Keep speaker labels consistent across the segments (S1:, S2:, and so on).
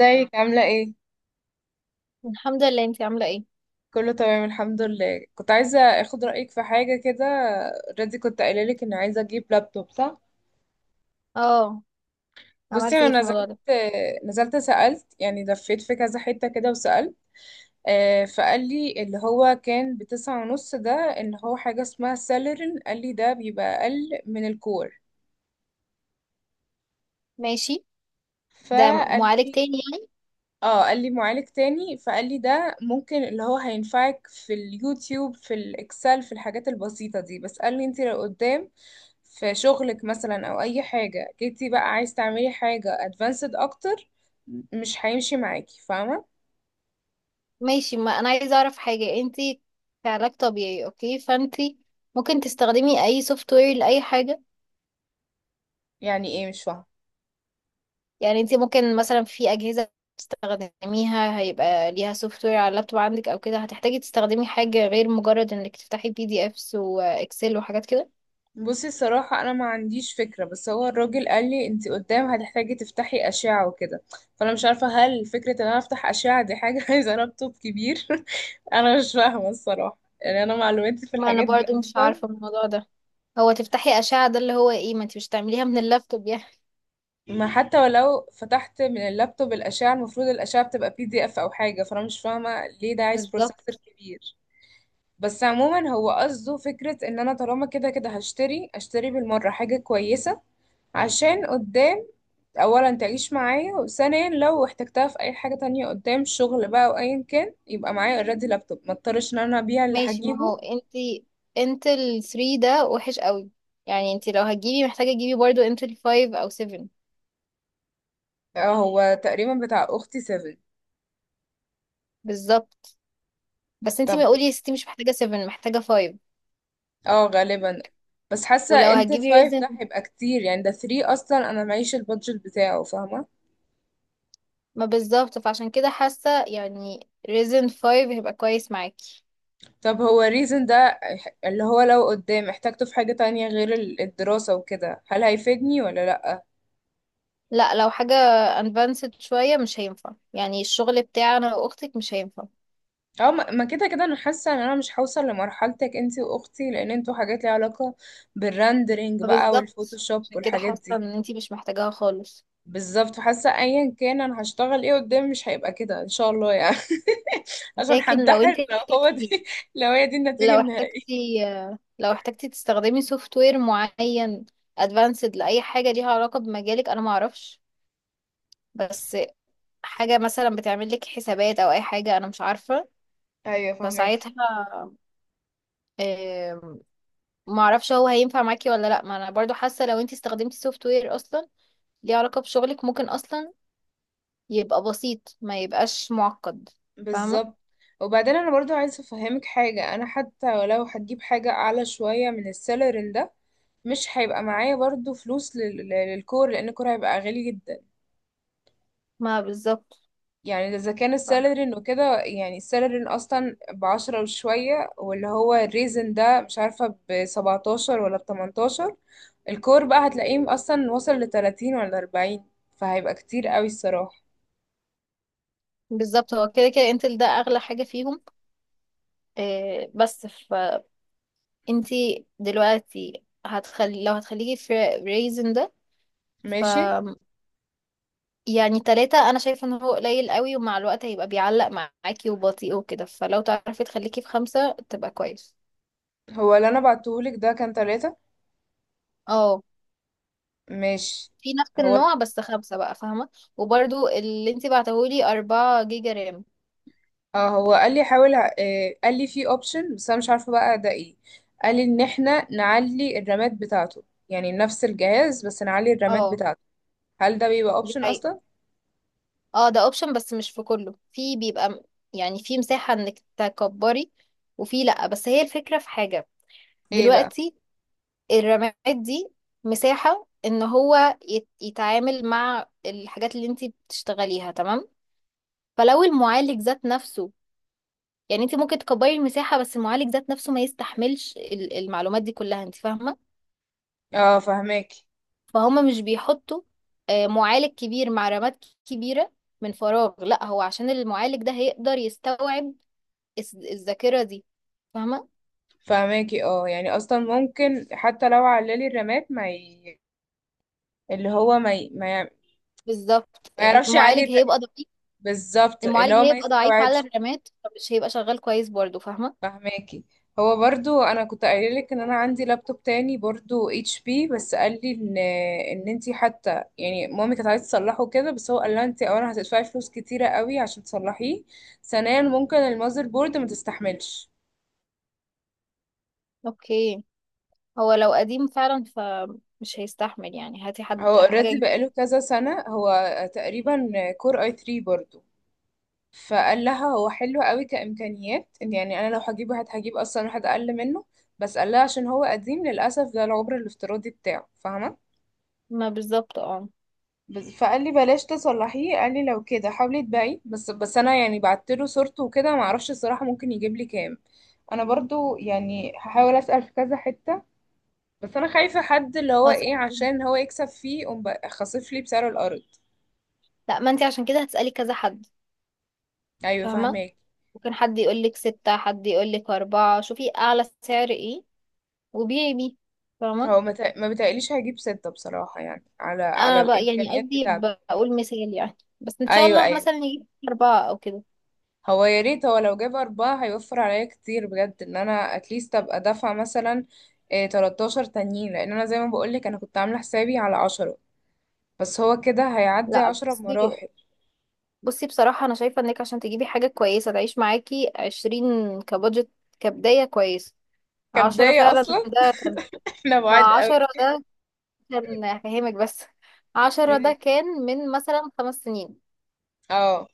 S1: ازيك عاملة ايه؟
S2: الحمد لله. انتي عاملة ايه؟
S1: كله تمام الحمد لله. كنت عايزة اخد رأيك في حاجة كده. ردي، كنت قايلة لك اني عايزة اجيب لابتوب، صح؟
S2: اه.
S1: بصي
S2: عملتي ايه
S1: انا
S2: في
S1: نزلت
S2: الموضوع ده؟
S1: نزلت سألت، يعني لفيت في كذا حتة كده وسألت. فقال لي اللي هو كان ب9 ونص ده، ان هو حاجة اسمها سيلرين، قال لي ده بيبقى اقل من الكور.
S2: ماشي، ده
S1: فقال
S2: معالج
S1: لي
S2: تاني يعني.
S1: اه قال لي معالج تاني، فقال لي ده ممكن اللي هو هينفعك في اليوتيوب، في الاكسل، في الحاجات البسيطة دي، بس قال لي انت لو قدام في شغلك مثلا او اي حاجة جيتي بقى عايز تعملي حاجة ادفانسد اكتر مش هيمشي معاكي، فاهمة.
S2: ماشي، ما انا عايزة اعرف حاجة. انتي كعلاج طبيعي، اوكي، فانتي ممكن تستخدمي اي سوفت وير لأي حاجة؟
S1: يعني ايه؟ مش فاهمة.
S2: يعني انتي ممكن مثلا في اجهزة تستخدميها هيبقى ليها سوفت وير على اللابتوب عندك، او كده هتحتاجي تستخدمي حاجة غير مجرد انك تفتحي بي دي افس واكسل وحاجات كده؟
S1: بصي الصراحة أنا ما عنديش فكرة، بس هو الراجل قال لي أنت قدام هتحتاجي تفتحي أشعة وكده. فأنا مش عارفة هل فكرة إن أنا أفتح أشعة دي حاجة عايزة لابتوب كبير. أنا مش فاهمة الصراحة، يعني أنا معلوماتي في
S2: ما انا
S1: الحاجات دي
S2: برضو مش
S1: أصلا.
S2: عارفة الموضوع ده. هو تفتحي أشعة ده اللي هو ايه؟ ما انتي مش تعمليها من اللابتوب يعني.
S1: ما حتى ولو فتحت من اللابتوب الأشعة، المفروض الأشعة بتبقى بي دي إف أو حاجة، فأنا مش فاهمة ليه ده عايز بروسيسور
S2: بالظبط.
S1: كبير. بس عموما هو قصده فكرة إن أنا طالما كده كده هشتري، أشتري بالمرة حاجة كويسة عشان قدام، اولا تعيش معايا، وثانيا لو احتجتها في اي حاجة تانية قدام شغل بقى او ايا كان يبقى معايا اوريدي لابتوب، ما اضطرش ان انا ابيع اللي
S2: ماشي، ما هو
S1: هجيبه.
S2: انتي، انتل 3 ده وحش قوي يعني. انتي لو هتجيبي محتاجة تجيبي برضو انتل 5 او 7.
S1: آه، هو تقريبا بتاع اختي 7.
S2: بالظبط. بس انتي
S1: طب
S2: ما قولي يا ستي مش محتاجة 7، محتاجة 5.
S1: اه، غالبا. بس حاسة
S2: ولو
S1: انت
S2: هتجيبي
S1: الفايف
S2: ريزن
S1: ده هيبقى كتير، يعني ده 3 اصلا انا معيش البادجت بتاعه، فاهمة.
S2: ما بالظبط، فعشان كده حاسة يعني ريزن 5 هيبقى كويس معاكي.
S1: طب هو الريزن ده اللي هو لو قدام احتاجته في حاجة تانية غير الدراسة وكده، هل هيفيدني ولا لأ؟
S2: لا، لو حاجة advanced شوية مش هينفع يعني. الشغل بتاعنا واختك مش هينفع.
S1: اه. ما كده كده انا حاسه ان انا مش هوصل لمرحلتك انتي واختي، لان انتوا حاجات ليها علاقه بالرندرينج بقى
S2: فبالظبط
S1: والفوتوشوب
S2: عشان كده
S1: والحاجات
S2: حاسة ان
S1: دي.
S2: انتي مش محتاجاها خالص.
S1: بالظبط، فحاسه ايا كان انا هشتغل ايه قدام مش هيبقى كده ان شاء الله يعني. عشان
S2: لكن لو
S1: هنتحر
S2: انتي
S1: لو هو
S2: احتاجتي،
S1: دي، لو هي دي النتيجه
S2: لو
S1: النهائيه.
S2: احتجتي لو احتجتي تستخدمي سوفت وير معين ادفانسد لأي حاجة ليها علاقة بمجالك، أنا معرفش، بس حاجة مثلا بتعمل لك حسابات أو أي حاجة أنا مش عارفة.
S1: ايوه، فهماكي.
S2: فساعتها، آه، معرفش هو هينفع معاكي ولا لأ. ما أنا برضو حاسة لو انتي استخدمتي سوفت وير أصلا ليه علاقة بشغلك، ممكن أصلا يبقى بسيط ما يبقاش معقد. فاهمة؟
S1: بالظبط. وبعدين انا برضو عايزه افهمك حاجه، انا حتى ولو هتجيب حاجه اعلى شويه من السالري ده مش هيبقى معايا برضو فلوس للكور، لان الكور هيبقى غالي جدا.
S2: ما بالظبط.
S1: يعني اذا كان السالري انه كده، يعني السالري اصلا ب10 وشوية، واللي هو الريزن ده مش عارفة ب17 ولا ب18، الكور بقى هتلاقيه اصلا وصل ل30 ولا 40، فهيبقى كتير قوي الصراحة.
S2: بالظبط، هو كده كده انتل ده أغلى حاجة فيهم. بس انتي دلوقتي هتخلي، لو هتخليكي في ريزن ده ف
S1: ماشي.
S2: يعني تلاتة، انا شايفة ان هو قليل قوي ومع الوقت هيبقى بيعلق معاكي وبطيء وكده. فلو تعرفي تخليكي في خمسة تبقى كويس.
S1: هو اللي انا بعتهولك ده كان 3.
S2: اه،
S1: ماشي.
S2: في نفس
S1: هو
S2: النوع بس خمسة بقى، فاهمة. وبرضو اللي انتي بعتهولي أربعة جيجا رام.
S1: اه، هو قال لي حاول. قال لي في اوبشن، بس انا مش عارفة بقى ده ايه. قال لي ان احنا نعلي الرامات بتاعته، يعني نفس الجهاز بس نعلي الرامات
S2: اه.
S1: بتاعته. هل ده بيبقى
S2: دي
S1: اوبشن
S2: حقيقة.
S1: اصلا؟
S2: اه، ده اوبشن بس مش في كله، في بيبقى يعني في مساحة انك تكبري، وفي لأ. بس هي الفكرة في حاجة
S1: ايه بقى؟
S2: دلوقتي، الرماد دي مساحة ان هو يتعامل مع الحاجات اللي انت بتشتغليها، تمام؟ فلو المعالج ذات نفسه يعني، انت ممكن تكبري المساحة بس المعالج ذات نفسه ما يستحملش المعلومات دي كلها، انت فاهمة.
S1: اه، فهماكي.
S2: فهما مش بيحطوا معالج كبير مع رماد كبيرة من فراغ. لا، هو عشان المعالج ده هيقدر يستوعب الذاكرة دي، فاهمة.
S1: فهماكي، اه يعني اصلا ممكن حتى لو عللي الرامات اللي هو ما ي... ما, ي...
S2: بالظبط،
S1: ما يعرفش يعلي
S2: المعالج
S1: الر-
S2: هيبقى ضعيف.
S1: بالظبط اللي
S2: المعالج
S1: هو ما
S2: هيبقى ضعيف على
S1: يستوعبش.
S2: الرماد، فمش هيبقى شغال كويس برضه، فاهمة.
S1: فهماكي. هو برضو انا كنت قايله لك ان انا عندي لابتوب تاني برضو اتش بي، بس قال لي ان انتي حتى يعني مامي كانت عايزه تصلحه كده، بس هو قال لها انتي اولا هتدفعي فلوس كتيره قوي عشان تصلحيه، ثانيا ممكن المذر بورد ما تستحملش.
S2: اوكي. هو لو قديم فعلا فمش هيستحمل يعني. هاتي حد
S1: هو
S2: حاجة
S1: اوريدي بقاله كذا سنه، هو تقريبا كور اي 3 برضو. فقال لها هو حلو قوي كإمكانيات، إن يعني أنا لو هجيبه هجيب أصلا واحد أقل منه، بس قال لها عشان هو قديم للأسف ده العمر الافتراضي بتاعه، فاهمة.
S2: ما بالظبط. اه،
S1: بس فقال لي بلاش تصلحيه، قال لي لو كده حاولي تبيعي بس. أنا يعني بعت له صورته وكده، معرفش الصراحة ممكن يجيب لي كام. أنا برضو يعني هحاول أسأل في كذا حتة، بس أنا خايفة حد اللي هو
S2: خلاص.
S1: إيه، عشان هو يكسب فيه يقوم بقى خاصف لي بسعر الأرض.
S2: لا، ما انتي عشان كده هتسألي كذا حد،
S1: أيوه،
S2: فاهمة.
S1: فاهماك.
S2: ممكن حد يقولك ستة، حد يقولك أربعة. شوفي أعلى سعر ايه وبيعي بيه، فاهمة.
S1: هو ما بتقليش هيجيب 6 بصراحة، يعني على على
S2: أنا بقى يعني
S1: الإمكانيات
S2: قصدي
S1: بتاعته.
S2: بقول مثال يعني، بس إن شاء
S1: ايوه،
S2: الله
S1: ايوه.
S2: مثلا نجيب أربعة أو كده.
S1: هو يا ريت هو لو جاب 4 هيوفر عليا كتير بجد، ان انا اتليست ابقى دافعة مثلا إيه 13 تانيين، لان انا زي ما بقولك انا كنت عاملة حسابي على 10، بس هو كده هيعدي
S2: لا،
S1: 10
S2: بصي،
S1: بمراحل.
S2: بصي بصراحة، أنا شايفة إنك عشان تجيبي حاجة كويسة تعيش معاكي 20 كبادجت كبداية كويسة. عشرة
S1: كبداية
S2: فعلا
S1: اصلا.
S2: ده كان،
S1: احنا بعاد
S2: مع
S1: قوي.
S2: 10 ده عشان أفهمك بس، عشرة ده كان من مثلا 5 سنين
S1: اه،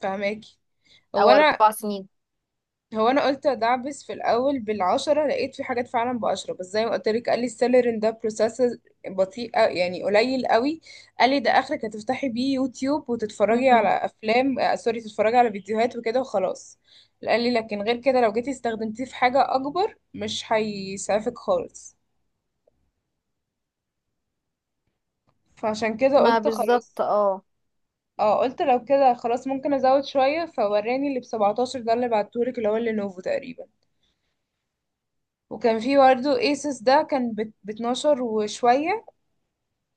S1: فهماكي. هو
S2: أو
S1: انا
S2: 4 سنين.
S1: هو انا قلت ادعبس في الاول ب10، لقيت في حاجات فعلا ب10، بس زي ما قلت لك قال لي السيلرين ده بروسيس بطيء يعني قليل قوي. قال لي ده اخرك هتفتحي بيه يوتيوب وتتفرجي على
S2: مم.
S1: افلام. سوري، تتفرجي على فيديوهات وكده وخلاص. قال لي لكن غير كده لو جيتي استخدمتيه في حاجة اكبر مش هيسعفك خالص، فعشان كده
S2: ما
S1: قلت
S2: بالظبط.
S1: خلاص.
S2: اه،
S1: اه، قلت لو كده خلاص ممكن ازود شوية فوراني اللي ب 17 ده اللي بعتهولك اللي هو اللينوفو تقريبا. وكان في برضه ايسس ده كان ب 12 وشوية،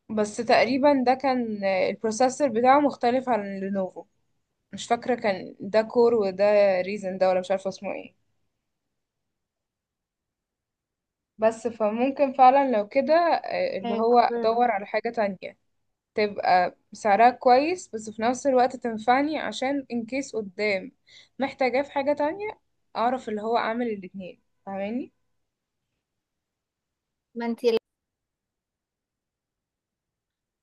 S1: بس تقريبا ده كان البروسيسور بتاعه مختلف عن لينوفو. مش فاكرة كان ده كور وده ريزن ده، ولا مش عارفة اسمه ايه. بس فممكن فعلا لو كده اللي هو
S2: كورونا.
S1: ادور على حاجة تانية تبقى سعرها كويس، بس في نفس الوقت تنفعني عشان ان كيس قدام محتاجاه في حاجة تانية، اعرف اللي هو اعمل الاتنين، فاهماني؟
S2: ما انتي،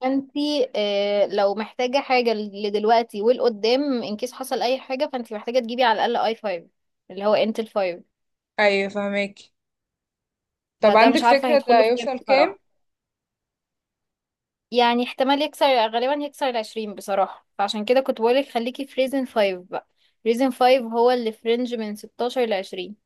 S2: ما انتي آه، لو محتاجة حاجة لدلوقتي والقدام ان كيس حصل أي حاجة، فانتي محتاجة تجيبي على الأقل اي فايف، اللي هو انتل فايف.
S1: ايوه، فاهماكي. طب
S2: فده
S1: عندك
S2: مش عارفة
S1: فكرة ده
S2: هيدخله في كام
S1: هيوصل كام؟
S2: بصراحة. يعني احتمال يكسر، غالبا يكسر ال20 بصراحة. فعشان كده كنت بقولك خليكي في ريزن فايف بقى. ريزن فايف هو اللي في رينج من 16 ل20.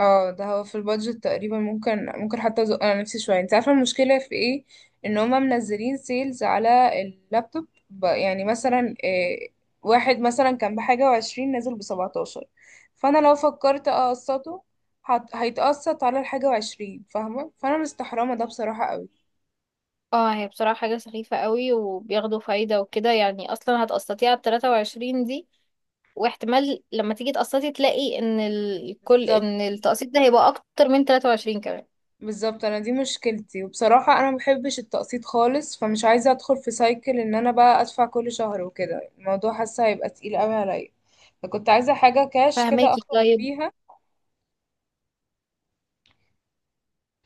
S1: اه، ده هو في البادجت تقريبا، ممكن، ممكن حتى ازق انا نفسي شويه. انت عارفه المشكله في ايه؟ ان هما منزلين سيلز على اللابتوب، يعني مثلا إيه، واحد مثلا كان بحاجه وعشرين نازل بسبعتاشر، فانا لو فكرت اقسطه هيتقسط على الحاجه وعشرين، فاهمه، فانا مستحرمه ده بصراحه
S2: اه، هي بصراحة حاجة سخيفة قوي، وبياخدوا فايدة وكده يعني. اصلا هتقسطي على ال23 دي، واحتمال لما تيجي تقسطي تلاقي ان الكل،
S1: قوي.
S2: ان التقسيط ده هيبقى اكتر من 23 كمان.
S1: بالظبط، انا دي مشكلتي، وبصراحة انا مبحبش التقسيط خالص، فمش عايزة ادخل في سايكل ان انا بقى ادفع كل شهر وكده، الموضوع حاسة هيبقى تقيل قوي عليا، فكنت عايزة حاجة كاش كده
S2: فهماكي؟
S1: اخلص
S2: طيب،
S1: بيها.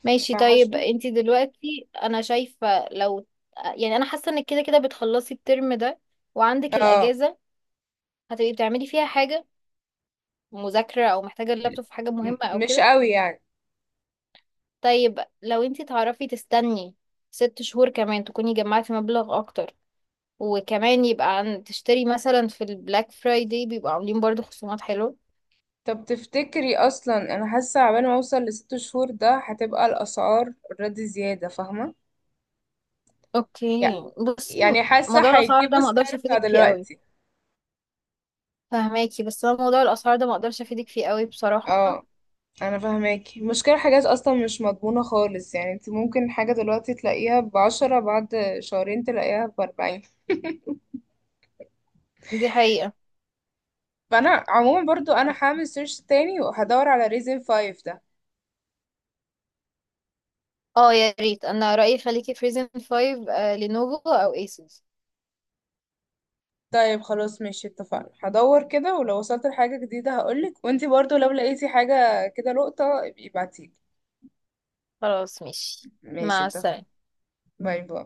S2: ماشي. طيب
S1: فهشوف.
S2: انتي دلوقتي، انا شايفة لو يعني، انا حاسة انك كده كده بتخلصي الترم ده وعندك
S1: اه،
S2: الاجازة. هتبقي بتعملي فيها حاجة، مذاكرة او محتاجة اللابتوب في حاجة مهمة او
S1: مش
S2: كده؟
S1: قوي يعني.
S2: طيب لو انتي تعرفي تستني 6 شهور كمان، تكوني جمعتي مبلغ اكتر، وكمان يبقى عن تشتري مثلا في البلاك فرايداي بيبقوا عاملين برضو خصومات حلوة.
S1: طب تفتكري اصلا انا حاسة عبال ما اوصل لست شهور ده هتبقى الاسعار اوريدي زيادة، فاهمة.
S2: اوكي،
S1: يع-
S2: بصي،
S1: يعني حاسة
S2: موضوع الاسعار
S1: هيجيبوا
S2: ده ما اقدرش
S1: السعر بتاع
S2: افيدك فيه قوي.
S1: دلوقتي.
S2: فهماكي، بس انا موضوع الاسعار ده ما اقدرش افيدك فيه قوي بصراحة.
S1: اه، انا فاهماكي، المشكله حاجات اصلا مش مضمونه خالص، يعني انت ممكن حاجه دلوقتي تلاقيها ب10، بعد شهرين تلاقيها ب40.
S2: دي حقيقة.
S1: فانا عموما برضو انا هعمل سيرش تاني وهدور على ريزن فايف ده.
S2: اه، يا ريت. انا رأيي خليكي في ريزن 5، آه لينوفو او ايسوس.
S1: طيب خلاص، ماشي، اتفقنا، هدور كده، ولو وصلت لحاجه جديده هقولك، وانتي برضو لو لقيتي حاجه كده لقطه ابقي ابعتيلي.
S2: خلاص، ماشي.
S1: ماشي،
S2: مع
S1: اتفقنا.
S2: السلامة.
S1: باي باي.